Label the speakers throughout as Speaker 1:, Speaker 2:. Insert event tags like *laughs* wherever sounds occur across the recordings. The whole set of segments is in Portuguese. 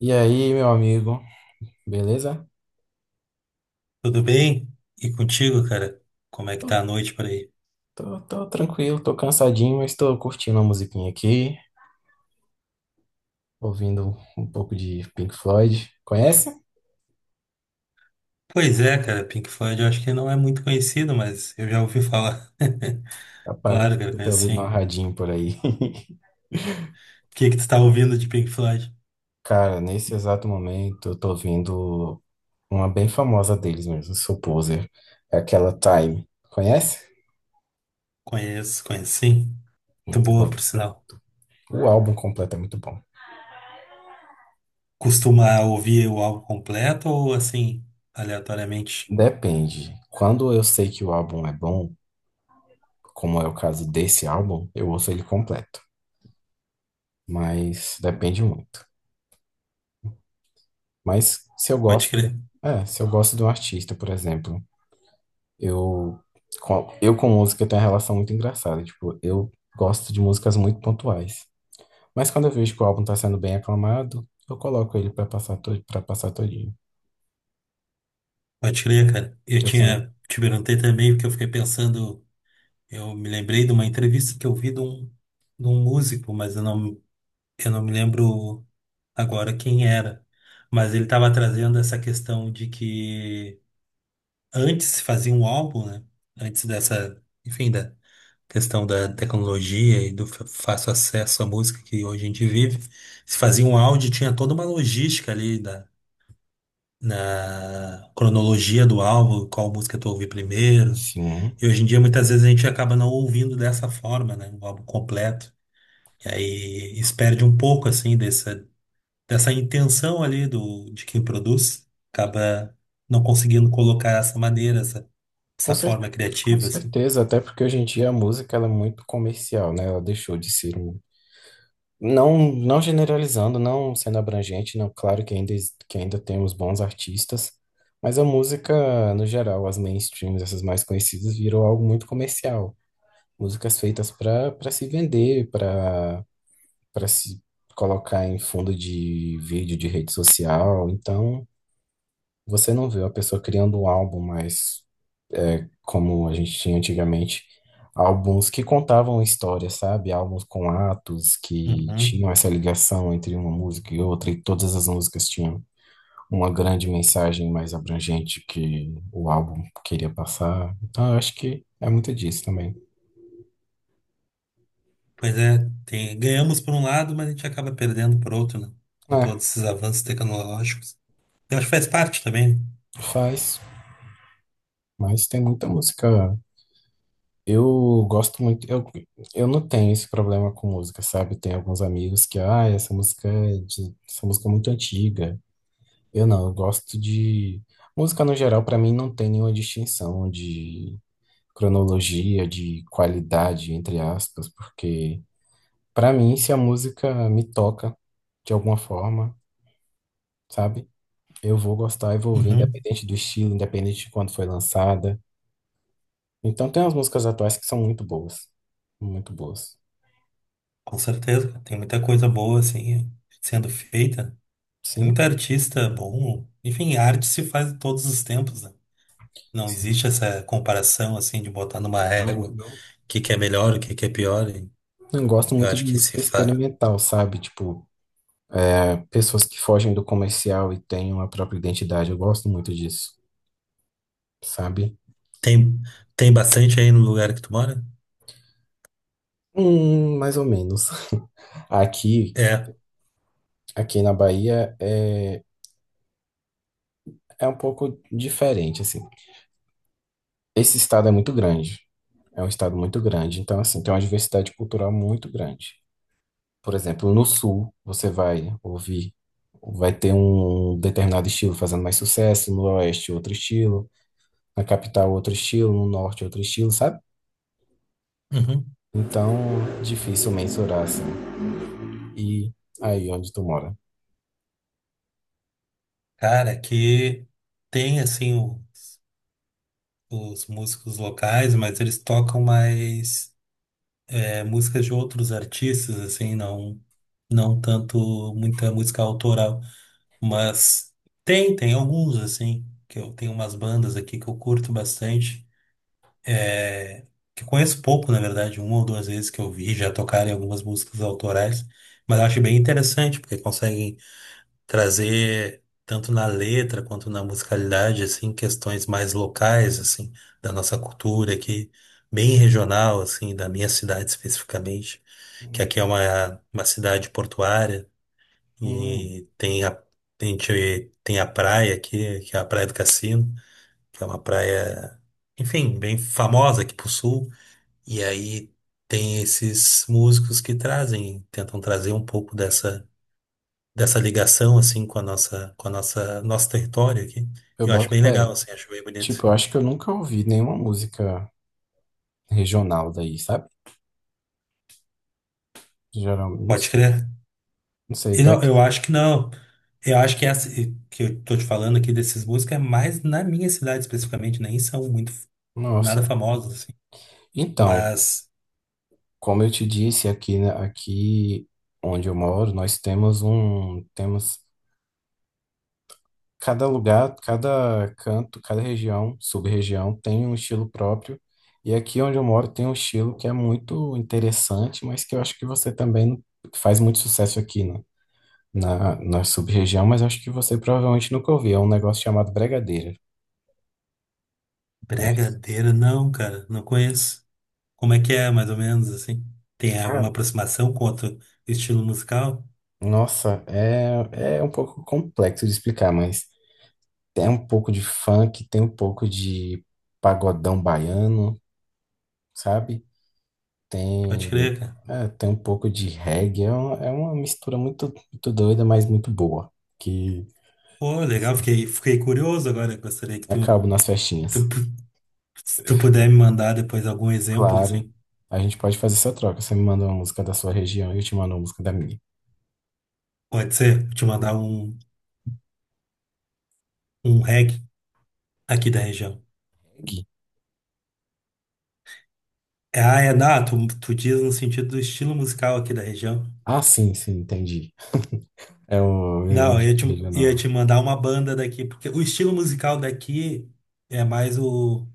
Speaker 1: E aí, meu amigo, beleza?
Speaker 2: Tudo bem? E contigo, cara? Como é que tá a noite por aí?
Speaker 1: Tô tranquilo, tô cansadinho, mas tô curtindo a musiquinha aqui, ouvindo um pouco de Pink Floyd. Conhece?
Speaker 2: Pois é, cara, Pink Floyd eu acho que não é muito conhecido, mas eu já ouvi falar. *laughs* Claro,
Speaker 1: Rapaz,
Speaker 2: cara,
Speaker 1: eu tenho
Speaker 2: conheço
Speaker 1: ouvido uma
Speaker 2: sim.
Speaker 1: radinho por aí.
Speaker 2: O que que tu tá ouvindo de Pink Floyd?
Speaker 1: *laughs* Cara, nesse exato momento eu tô ouvindo uma bem famosa deles mesmo, Soul Poser, é aquela Time. Conhece?
Speaker 2: Conheço sim. Muito
Speaker 1: Muito
Speaker 2: boa, por
Speaker 1: bom.
Speaker 2: sinal.
Speaker 1: O álbum completo é muito bom.
Speaker 2: Costuma ouvir o álbum completo ou assim, aleatoriamente?
Speaker 1: Depende. Quando eu sei que o álbum é bom, como é o caso desse álbum, eu ouço ele completo. Mas depende muito. Mas se eu
Speaker 2: Pode
Speaker 1: gosto,
Speaker 2: crer,
Speaker 1: se eu gosto de um artista, por exemplo, eu eu com música tenho uma relação muito engraçada, tipo, eu gosto de músicas muito pontuais. Mas quando eu vejo que o álbum tá sendo bem aclamado, eu coloco ele pra passar todo, para passar todinho.
Speaker 2: pode crer, cara. Eu
Speaker 1: Que eu sou-
Speaker 2: tinha, te perguntei também porque eu fiquei pensando, eu me lembrei de uma entrevista que eu vi de um músico, mas eu não me lembro agora quem era, mas ele estava trazendo essa questão de que antes se fazia um álbum, né? Antes dessa, enfim, da questão da tecnologia e do fácil acesso à música que hoje a gente vive, se fazia um áudio, tinha toda uma logística ali da, na cronologia do álbum, qual música tu ouvir primeiro.
Speaker 1: sim,
Speaker 2: E hoje em dia, muitas vezes, a gente acaba não ouvindo dessa forma, né? Um álbum completo. E aí, isso perde um pouco, assim, desse, dessa intenção ali do, de quem produz, acaba não conseguindo colocar essa maneira, essa,
Speaker 1: com
Speaker 2: essa
Speaker 1: cer-
Speaker 2: forma
Speaker 1: com
Speaker 2: criativa, assim.
Speaker 1: certeza, até porque hoje em dia a música ela é muito comercial, né? Ela deixou de ser um- Não, não generalizando, não sendo abrangente, não, claro que ainda, que ainda temos bons artistas, mas a música, no geral, as mainstreams, essas mais conhecidas, virou algo muito comercial. Músicas feitas para se vender, para se colocar em fundo de vídeo de rede social. Então, você não vê a pessoa criando um álbum mais como a gente tinha antigamente, álbuns que contavam histórias, sabe? Álbuns com atos que tinham
Speaker 2: Uhum.
Speaker 1: essa ligação entre uma música e outra, e todas as músicas tinham uma grande mensagem mais abrangente que o álbum queria passar. Então, eu acho que é muito disso também.
Speaker 2: Pois é, tem- ganhamos por um lado, mas a gente acaba perdendo por outro, né? Com
Speaker 1: É,
Speaker 2: todos esses avanços tecnológicos. Eu acho que faz parte também.
Speaker 1: faz, mas tem muita música. Eu gosto muito, eu não tenho esse problema com música, sabe? Tem alguns amigos que, ah, essa música é muito antiga. Eu gosto de música no geral, pra mim não tem nenhuma distinção de cronologia, de qualidade, entre aspas, porque pra mim se a música me toca de alguma forma, sabe? Eu vou gostar e vou
Speaker 2: Né?
Speaker 1: ouvir
Speaker 2: Uhum.
Speaker 1: independente do estilo, independente de quando foi lançada. Então tem umas músicas atuais que são muito boas, muito boas.
Speaker 2: Com certeza, cara. Tem muita coisa boa, assim, sendo feita. Tem muito
Speaker 1: Sim,
Speaker 2: artista bom. Enfim, a arte se faz em todos os tempos, né? Não
Speaker 1: sim,
Speaker 2: existe essa comparação, assim, de botar numa
Speaker 1: claro que
Speaker 2: régua o
Speaker 1: não.
Speaker 2: que que é melhor, o que que é pior.
Speaker 1: Eu gosto
Speaker 2: Eu
Speaker 1: muito de
Speaker 2: acho que se
Speaker 1: música
Speaker 2: fa...
Speaker 1: experimental, sabe? Tipo é, pessoas que fogem do comercial e têm uma própria identidade. Eu gosto muito disso, sabe?
Speaker 2: tem, tem bastante aí no lugar que tu mora?
Speaker 1: Mais ou menos. *laughs* Aqui,
Speaker 2: É.
Speaker 1: aqui na Bahia é um pouco diferente, assim. Esse estado é muito grande. É um estado muito grande, então assim, tem uma diversidade cultural muito grande. Por exemplo, no sul você vai ouvir, vai ter um determinado estilo fazendo mais sucesso, no oeste outro estilo, na capital outro estilo, no norte outro estilo, sabe?
Speaker 2: Uhum.
Speaker 1: Então, difícil mensurar, assim. E aí, onde tu mora?
Speaker 2: Cara, que tem assim o- os músicos locais, mas eles tocam mais é, músicas de outros artistas, assim, não, não tanto muita música autoral. Mas tem alguns, assim, que eu tenho umas bandas aqui que eu curto bastante. É, que eu conheço pouco, na verdade, uma ou duas vezes que eu vi já tocarem algumas músicas autorais, mas eu acho bem interessante, porque conseguem trazer tanto na letra quanto na musicalidade assim questões mais locais assim da nossa cultura aqui bem regional assim da minha cidade especificamente que aqui é uma cidade portuária
Speaker 1: Hum,
Speaker 2: e tem a gente tem a praia aqui que é a Praia do Cassino que é uma praia enfim bem famosa aqui pro sul e aí tem esses músicos que trazem tentam trazer um pouco dessa dessa ligação assim com a nossa nosso território aqui.
Speaker 1: eu
Speaker 2: Eu acho
Speaker 1: boto
Speaker 2: bem
Speaker 1: fé.
Speaker 2: legal assim, acho bem
Speaker 1: Tipo,
Speaker 2: bonito.
Speaker 1: eu acho que eu nunca ouvi nenhuma música regional daí, sabe? Geralmente, não
Speaker 2: Pode
Speaker 1: sei,
Speaker 2: crer.
Speaker 1: não sei,
Speaker 2: E
Speaker 1: deve...
Speaker 2: não, eu acho que não. Eu acho que essa que eu tô te falando aqui desses músicos é mais na minha cidade especificamente, nem são muito nada
Speaker 1: Nossa.
Speaker 2: famosos assim.
Speaker 1: Então,
Speaker 2: Mas
Speaker 1: como eu te disse, aqui, né, aqui onde eu moro, nós temos um... Temos cada lugar, cada canto, cada região, sub-região tem um estilo próprio. E aqui onde eu moro tem um estilo que é muito interessante, mas que eu acho que você também faz muito sucesso aqui na sub-região, mas acho que você provavelmente nunca ouviu. É um negócio chamado bregadeira. Conhece?
Speaker 2: Bregadeiro não, cara, não conheço. Como é que é, mais ou menos assim? Tem alguma
Speaker 1: Cara,
Speaker 2: aproximação com outro estilo musical?
Speaker 1: nossa, é um pouco complexo de explicar, mas tem um pouco de funk, tem um pouco de pagodão baiano, sabe?
Speaker 2: Pode
Speaker 1: Tem,
Speaker 2: crer, cara.
Speaker 1: tem um pouco de reggae, é uma mistura muito, muito doida, mas muito boa, que
Speaker 2: Pô, legal, fiquei curioso agora. Gostaria que tu,
Speaker 1: acaba nas
Speaker 2: tu
Speaker 1: festinhas.
Speaker 2: Se tu puder me mandar depois algum exemplo,
Speaker 1: Claro,
Speaker 2: assim,
Speaker 1: a gente pode fazer essa troca. Você me manda uma música da sua região e eu te mando uma música da minha.
Speaker 2: pode ser? Vou te mandar um, um reggae aqui da região.
Speaker 1: Aqui.
Speaker 2: É, ah, é, não, tu diz no sentido do estilo musical aqui da região.
Speaker 1: Ah, sim, sim, entendi. *laughs* Uma
Speaker 2: Não, eu
Speaker 1: dica
Speaker 2: ia
Speaker 1: regional.
Speaker 2: te mandar uma banda daqui, porque o estilo musical daqui é mais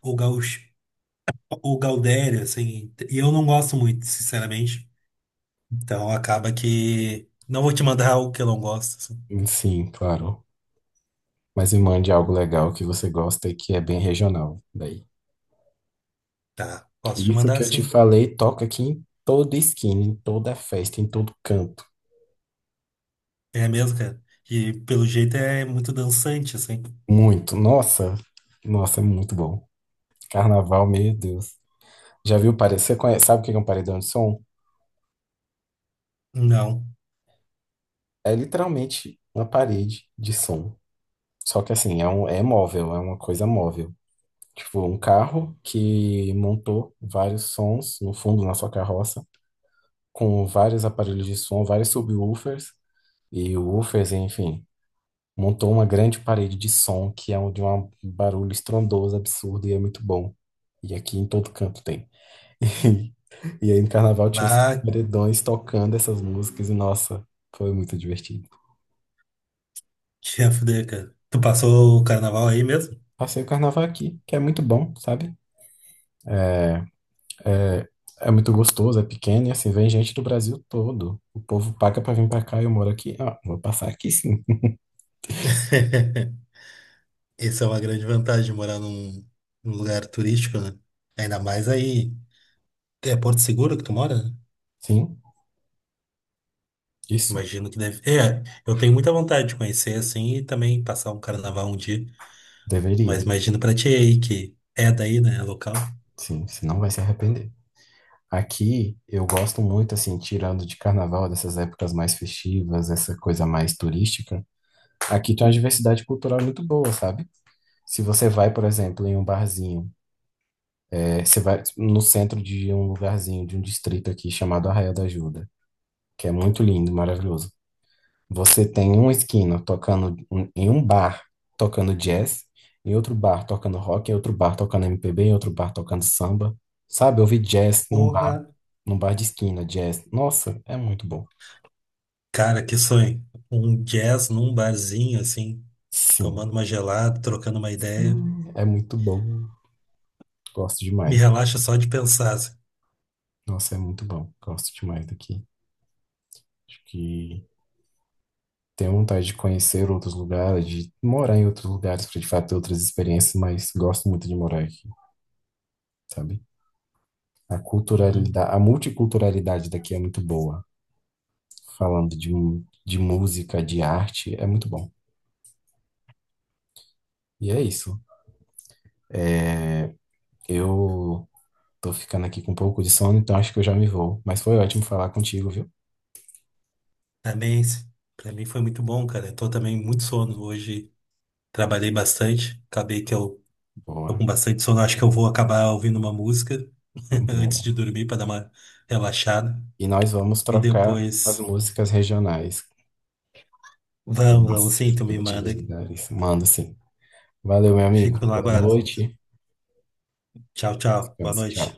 Speaker 2: o, gaúcho, o gaudério, assim, e eu não gosto muito, sinceramente. Então acaba que não vou te mandar algo que eu não gosto, assim.
Speaker 1: Sim, claro. Mas me mande algo legal que você gosta e que é bem regional. Daí.
Speaker 2: Tá, posso te
Speaker 1: Isso que
Speaker 2: mandar,
Speaker 1: eu te
Speaker 2: sim.
Speaker 1: falei toca aqui em toda esquina, em toda festa, em todo canto.
Speaker 2: É mesmo, cara. E pelo jeito é muito dançante, assim.
Speaker 1: Muito. Nossa, nossa, é muito bom. Carnaval, meu Deus. Já viu parede? Você conhece, sabe o que é um paredão de som?
Speaker 2: Não.
Speaker 1: É literalmente uma parede de som. Só que assim, é móvel, é uma coisa móvel. Tipo, um carro que montou vários sons no fundo na sua carroça, com vários aparelhos de som, vários subwoofers e woofers, enfim. Montou uma grande parede de som que é um de um barulho estrondoso, absurdo e é muito bom. E aqui em todo canto tem. E, e aí no carnaval tinha esses
Speaker 2: Ah,
Speaker 1: paredões tocando essas músicas, e nossa, foi muito divertido.
Speaker 2: tinha fuder, cara. Tu passou o carnaval aí mesmo?
Speaker 1: Passei o carnaval aqui, que é muito bom, sabe? É, é muito gostoso, é pequeno, e assim, vem gente do Brasil todo. O povo paga pra vir pra cá, e eu moro aqui. Ah, vou passar aqui sim.
Speaker 2: *laughs* Essa é uma grande vantagem de morar num, num lugar turístico, né? Ainda mais aí. É Porto Seguro que tu mora, né?
Speaker 1: Sim, isso,
Speaker 2: Imagino que deve. É, eu tenho muita vontade de conhecer assim e também passar um carnaval um dia. Mas
Speaker 1: deveria.
Speaker 2: imagino pra ti aí que é daí, né? É local.
Speaker 1: Sim, senão vai se arrepender. Aqui eu gosto muito, assim, tirando de carnaval, dessas épocas mais festivas, essa coisa mais turística. Aqui tem uma diversidade cultural muito boa, sabe? Se você vai, por exemplo, em um barzinho, é, você vai no centro de um lugarzinho, de um distrito aqui chamado Arraial da Ajuda, que é muito lindo, maravilhoso. Você tem uma esquina tocando em um bar tocando jazz, em outro bar tocando rock, em outro bar tocando MPB, em outro bar tocando samba. Sabe, eu vi jazz
Speaker 2: Porra.
Speaker 1: num bar de esquina, jazz. Nossa, é muito bom.
Speaker 2: Cara, que sonho. Um jazz num barzinho assim,
Speaker 1: Sim,
Speaker 2: tomando uma gelada, trocando uma ideia.
Speaker 1: hum, é muito bom. Gosto
Speaker 2: Me
Speaker 1: demais.
Speaker 2: relaxa só de pensar assim.
Speaker 1: Nossa, é muito bom. Gosto demais daqui. Acho que tenho vontade de conhecer outros lugares, de morar em outros lugares para de fato ter outras experiências, mas gosto muito de morar aqui, sabe? A
Speaker 2: Uhum.
Speaker 1: culturalidade, a multiculturalidade daqui é muito boa. Falando de, de música, de arte, é muito bom. E é isso. É, eu tô ficando aqui com um pouco de sono, então acho que eu já me vou. Mas foi ótimo falar contigo, viu?
Speaker 2: Também, para mim foi muito bom, cara. Eu tô também muito sono hoje. Trabalhei bastante. Acabei que eu tô com
Speaker 1: Boa,
Speaker 2: bastante sono. Acho que eu vou acabar ouvindo uma música *laughs* antes de
Speaker 1: boa.
Speaker 2: dormir para dar uma relaxada.
Speaker 1: E nós vamos
Speaker 2: E
Speaker 1: trocar as
Speaker 2: depois,
Speaker 1: músicas regionais dos
Speaker 2: vamos
Speaker 1: nossos
Speaker 2: sim, tu me manda.
Speaker 1: respectivos lugares. Manda sim. Valeu, meu amigo.
Speaker 2: Fico no
Speaker 1: Boa
Speaker 2: aguardo.
Speaker 1: noite.
Speaker 2: Tchau, tchau. Boa
Speaker 1: Tchau.
Speaker 2: noite.